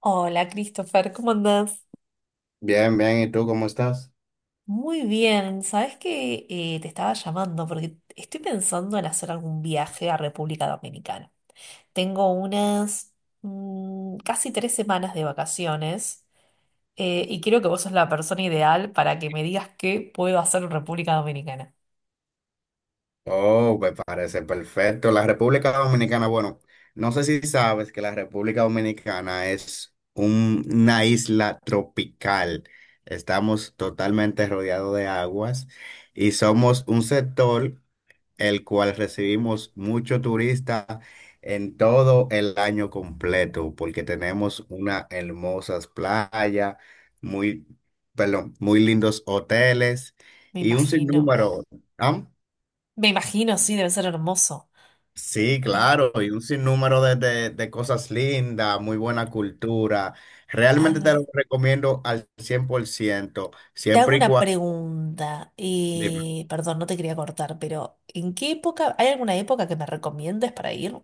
Hola, Christopher, ¿cómo andás? Bien, bien, ¿y tú cómo estás? Muy bien, ¿sabes que te estaba llamando porque estoy pensando en hacer algún viaje a República Dominicana. Tengo unas casi 3 semanas de vacaciones y creo que vos sos la persona ideal para que me digas qué puedo hacer en República Dominicana. Oh, me parece perfecto. La República Dominicana, bueno, no sé si sabes que la República Dominicana es una isla tropical. Estamos totalmente rodeados de aguas y somos un sector el cual recibimos mucho turista en todo el año completo, porque tenemos una hermosas playa muy, perdón, muy lindos hoteles Me y un imagino. sinnúmero. ¿Ah? Me imagino, sí, debe ser hermoso. Sí, Eh, claro, y un sinnúmero de cosas lindas, muy buena cultura. a Realmente te lo ver. recomiendo al 100% Te hago siempre y una cuando... pregunta. Perdón, no te quería cortar, pero ¿en qué época? ¿Hay alguna época que me recomiendes para ir?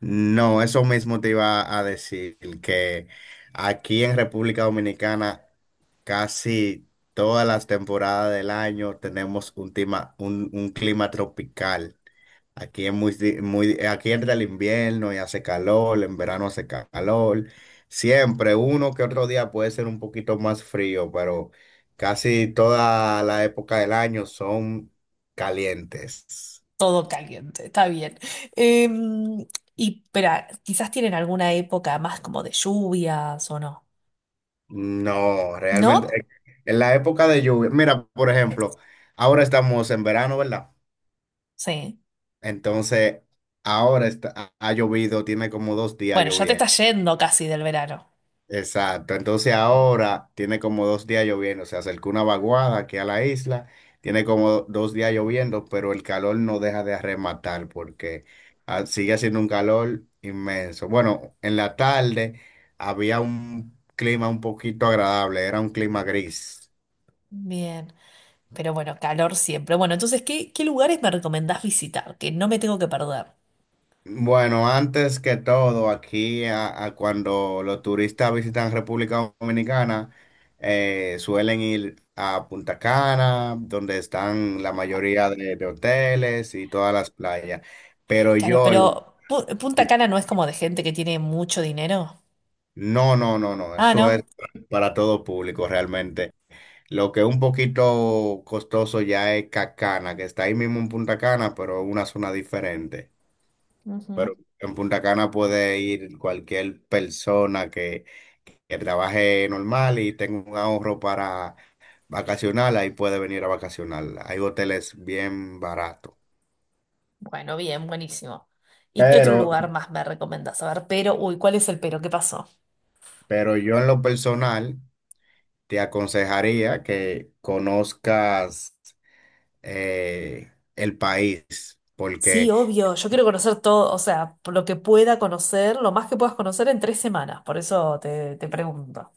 No, eso mismo te iba a decir, que aquí en República Dominicana casi todas las temporadas del año tenemos un clima, un clima tropical. Aquí es muy, muy, aquí entra el invierno y hace calor, en verano hace calor. Siempre, uno que otro día puede ser un poquito más frío, pero casi toda la época del año son calientes. Todo caliente, está bien. Em, y, pero quizás tienen alguna época más como de lluvias o no. No, realmente, ¿No? En la época de lluvia, mira, por ejemplo, ahora estamos en verano, ¿verdad? Sí. Entonces, ahora está, ha llovido, tiene como dos días Bueno, ya te está lloviendo. yendo casi del verano. Exacto, entonces ahora tiene como dos días lloviendo, se acercó una vaguada aquí a la isla, tiene como dos días lloviendo, pero el calor no deja de arrematar porque sigue haciendo un calor inmenso. Bueno, en la tarde había un clima un poquito agradable, era un clima gris. Bien. Pero bueno, calor siempre. Bueno, entonces, ¿qué lugares me recomendás visitar? Que no me tengo que perder. Bueno, antes que todo, aquí a cuando los turistas visitan República Dominicana, suelen ir a Punta Cana, donde están la mayoría de hoteles y todas las playas. Pero Claro, yo, pero Punta Cana no es como de gente que tiene mucho dinero. no, no, no, no, Ah, eso es ¿no? para todo público realmente. Lo que es un poquito costoso ya es Cacana, que está ahí mismo en Punta Cana, pero una zona diferente. Ujú. Pero en Punta Cana puede ir cualquier persona que trabaje normal y tenga un ahorro para vacacionar, ahí puede venir a vacacionar. Hay hoteles bien baratos. Bueno, bien, buenísimo. ¿Y qué otro Pero, lugar más me recomendás? A ver, pero, uy, ¿cuál es el pero? ¿Qué pasó? pero yo en lo personal te aconsejaría que conozcas el país, Sí, porque obvio, yo quiero conocer todo, o sea, por lo que pueda conocer, lo más que puedas conocer en 3 semanas, por eso te pregunto.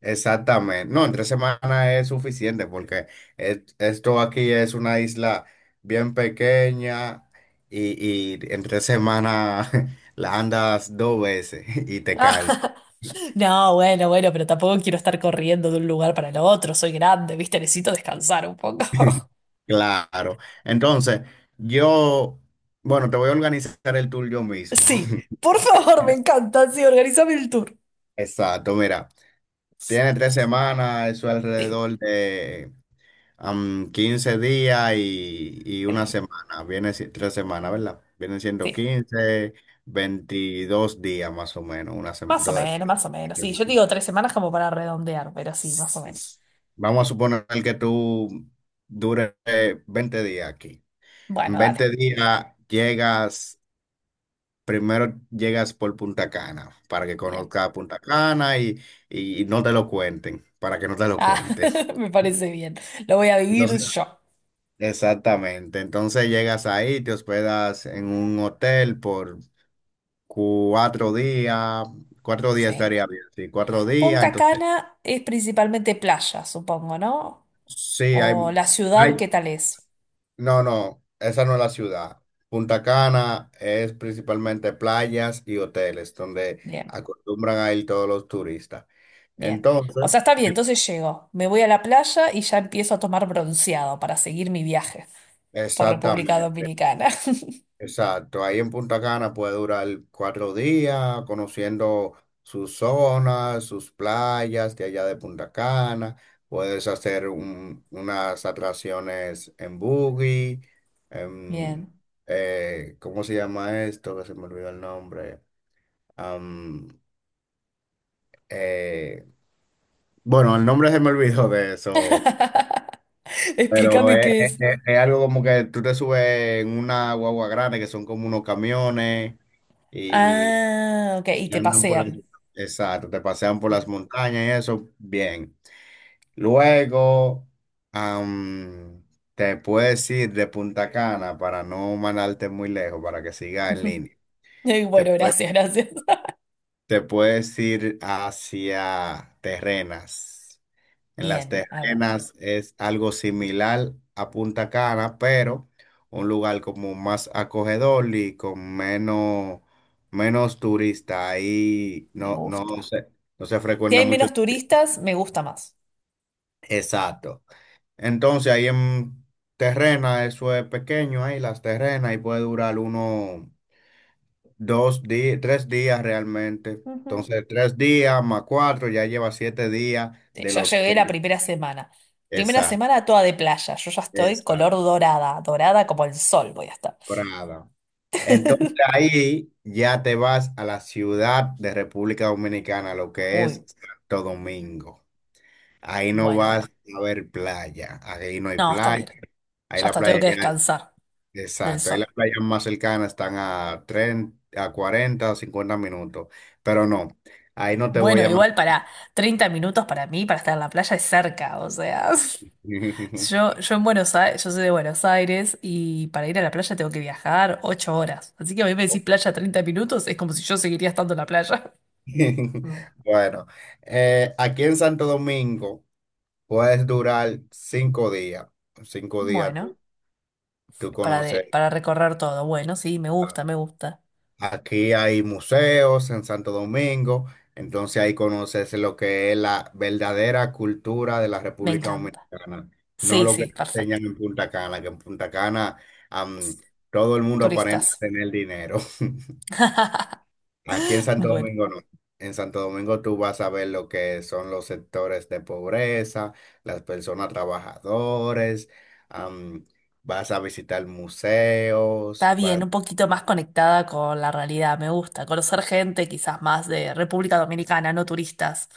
exactamente. No, en tres semanas es suficiente porque esto aquí es una isla bien pequeña y en tres semanas la andas dos veces y te caes. No, bueno, bueno, pero tampoco quiero estar corriendo de un lugar para el otro, soy grande, ¿viste? Necesito descansar un poco. Claro. Entonces, yo, bueno, te voy a organizar el tour yo mismo. Sí, por favor, me Mira, encanta, sí, organizame el tour. exacto, mira, tiene tres semanas, eso Sí, alrededor de 15 días y una mm, sí, semana, viene si- tres semanas, ¿verdad? Vienen siendo sí. 15, 22 días más o menos, una Más o menos, más o menos. Sí, yo digo 3 semanas como para redondear, pero sí, más o menos. vamos a suponer que tú dures 20 días aquí. Bueno, En 20 dale. días llegas, primero llegas por Punta Cana, para que Bien. conozcas Punta Cana y no te lo cuenten, para que no te lo Ah, cuenten. me parece bien. Lo voy a vivir Entonces, yo. exactamente. Entonces llegas ahí, te hospedas en un hotel por cuatro días. Cuatro días Sí. estaría bien, sí, cuatro días. Punta Entonces, Cana es principalmente playa, supongo, ¿no? sí, hay, O la ciudad, hay- ¿qué tal es? No, no, esa no es la ciudad. Punta Cana es principalmente playas y hoteles donde Bien, acostumbran a ir todos los turistas. bien. O Entonces, sea, está bien, entonces llego. Me voy a la playa y ya empiezo a tomar bronceado para seguir mi viaje por República exactamente. Dominicana. Exacto, ahí en Punta Cana puede durar cuatro días conociendo sus zonas, sus playas de allá de Punta Cana. Puedes hacer unas atracciones en buggy, en, Bien. ¿Cómo se llama esto? Que se me olvidó el nombre. Am, eh, bueno, el nombre se me olvidó de eso, pero Explícame qué es. Es algo como que tú te subes en una guagua grande que son como unos camiones. Y Ah, ok. Y te te andan por pasean. exacto, te pasean por las Bien. montañas y eso, bien. Luego, am, te puedes ir de Punta Cana para no mandarte muy lejos, para que sigas en línea. Te Bueno, puedes, gracias, gracias. te puedes ir hacia Terrenas. En las Bien, a ver, terrenas es algo similar a Punta Cana, pero un lugar como más acogedor y con menos, menos turista. Ahí me no gusta. se, no se Si frecuenta hay mucho. menos turistas, me gusta más. Exacto. Entonces ahí en terrena, eso es pequeño ahí, las terrenas, y puede durar uno, dos días, tres días realmente. Ujú. Entonces tres días más cuatro, ya lleva siete días de Ya los... llegué la veinte. primera semana. Primera Exacto, semana toda de playa. Yo ya estoy color exacto. dorada, dorada como el sol voy a estar. Brava. Entonces ahí ya te vas a la ciudad de República Dominicana, lo que Uy, es Santo Domingo. Ahí no bueno, vas bueno. a ver playa, ahí no hay No, está playa, bien. ahí Ya la está, tengo playa que ya, descansar del exacto, ahí sol. las playas más cercanas están a 30, a 40, o 50 minutos, pero no, ahí no te voy Bueno, a mandar. igual para 30 minutos para mí, para estar en la playa es cerca, o sea, yo en Buenos Aires, yo soy de Buenos Aires y para ir a la playa tengo que viajar 8 horas. Así que a mí me decís playa 30 minutos, es como si yo seguiría estando en la playa. Mm. Bueno, aquí en Santo Domingo puedes durar cinco días tú, Bueno. tú conoces. Para recorrer todo. Bueno, sí, me gusta, me gusta. Aquí hay museos en Santo Domingo, entonces ahí conoces lo que es la verdadera cultura de la Me República encanta. Dominicana, no Sí, lo que sí, te perfecto. enseñan en Punta Cana, que en Punta Cana am, todo el mundo aparenta Turistas. tener dinero. Aquí en Santo Bueno, Domingo no. En Santo Domingo tú vas a ver lo que son los sectores de pobreza, las personas trabajadores, am, vas a visitar museos, está bien, vas... un poquito más conectada con la realidad, me gusta. Conocer gente quizás más de República Dominicana, no turistas,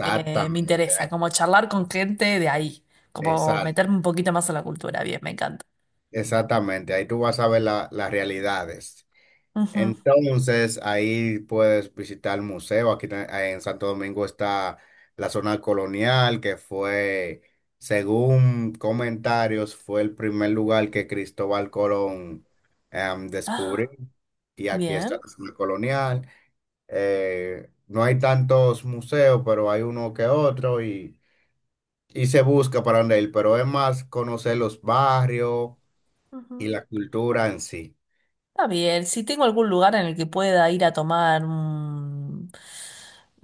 me interesa. Como charlar con gente de ahí, como exacto. meterme un poquito más en la cultura, bien, me encanta. Exactamente, ahí tú vas a ver las realidades. Ujú. Entonces, ahí puedes visitar el museo. Aquí en Santo Domingo está la zona colonial, que fue, según comentarios, fue el primer lugar que Cristóbal Colón descubrió. Ah, Y aquí está bien. la zona colonial. No hay tantos museos, pero hay uno que otro y se busca para dónde ir, pero es más conocer los barrios y Ujú. la cultura en sí. Está bien, si tengo algún lugar en el que pueda ir a tomar un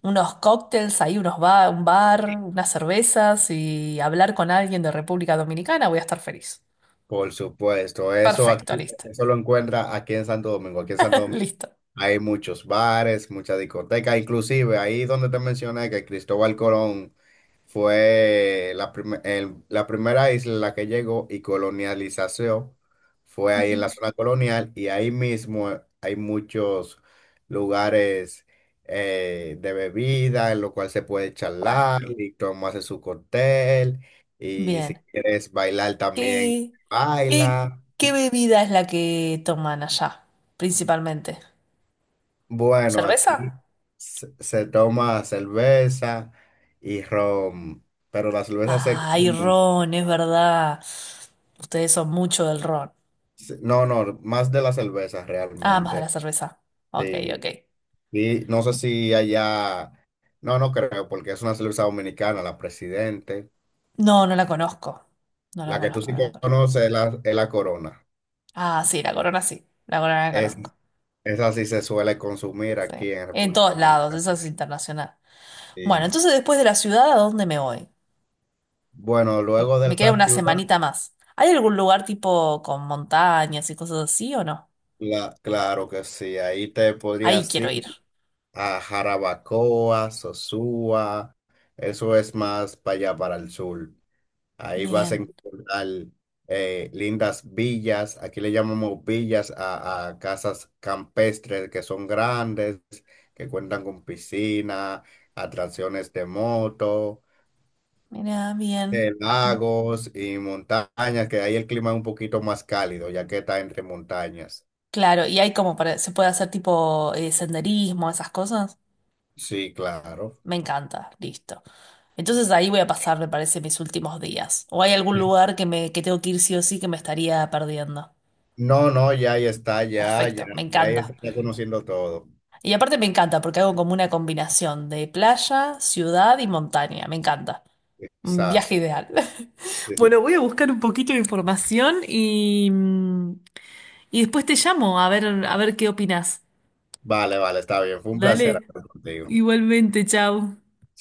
unos cócteles, ahí un bar, unas cervezas y hablar con alguien de República Dominicana, voy a estar feliz. Por supuesto, eso Perfecto, aquí, listo. eso lo encuentra aquí en Santo Domingo. Aquí en Santo Domingo. Listo. Hay muchos bares, muchas discotecas, inclusive ahí donde te mencioné que Cristóbal Colón fue la primera isla en la que llegó y colonialización fue ahí en Ujú. la zona colonial y ahí mismo hay muchos lugares de bebida en lo cual se puede Bueno, charlar y tomarse su cóctel y si bien. quieres bailar también, ¿Qué, qué, baila. ¿qué bebida es la que toman allá, principalmente? Bueno, ¿Cerveza? aquí se toma cerveza y ron, pero la cerveza se Ay, consume. ron, es verdad. Ustedes son mucho del ron. No, no, más de la cerveza Ah, más de realmente. la cerveza. Ok, Sí. ok. Y no sé si allá, no, no creo, porque es una cerveza dominicana, la Presidente. No, no la conozco. No la La que tú conozco, sí no la conozco. conoces es la Corona. Ah, sí. La corona la Es, conozco. esa sí se suele consumir Sí. aquí en En República todos lados, Dominicana. eso es internacional. Bueno, Y entonces después de la ciudad, ¿a dónde me voy? bueno, luego Me de queda la una ciudad, semanita más. ¿Hay algún lugar tipo con montañas y cosas así o no? la, claro que sí, ahí te podría Ahí quiero decir. ir. A Jarabacoa, Sosúa, eso es más para allá, para el sur. Ahí vas a Bien, encontrar lindas villas, aquí le llamamos villas a casas campestres que son grandes, que cuentan con piscina, atracciones de moto, mira, bien. Mm, lagos y montañas, que ahí el clima es un poquito más cálido, ya que está entre montañas. claro, y hay como para, se puede hacer tipo senderismo, esas cosas. Sí, claro. Me encanta, listo. Entonces ahí voy a pasar, me parece, mis últimos días. ¿O hay algún lugar que tengo que ir sí o sí que me estaría perdiendo? No, no, ya ahí está, ya, ya, Perfecto, me ya ahí encanta. está conociendo todo. Y aparte me encanta porque hago como una combinación de playa, ciudad y montaña. Me encanta. Un viaje Exacto. ideal. Bueno, voy a buscar un poquito de información y, y después te llamo a ver qué opinas. Vale, vale, está bien. Fue un placer Dale. hablar contigo. Igualmente, chao.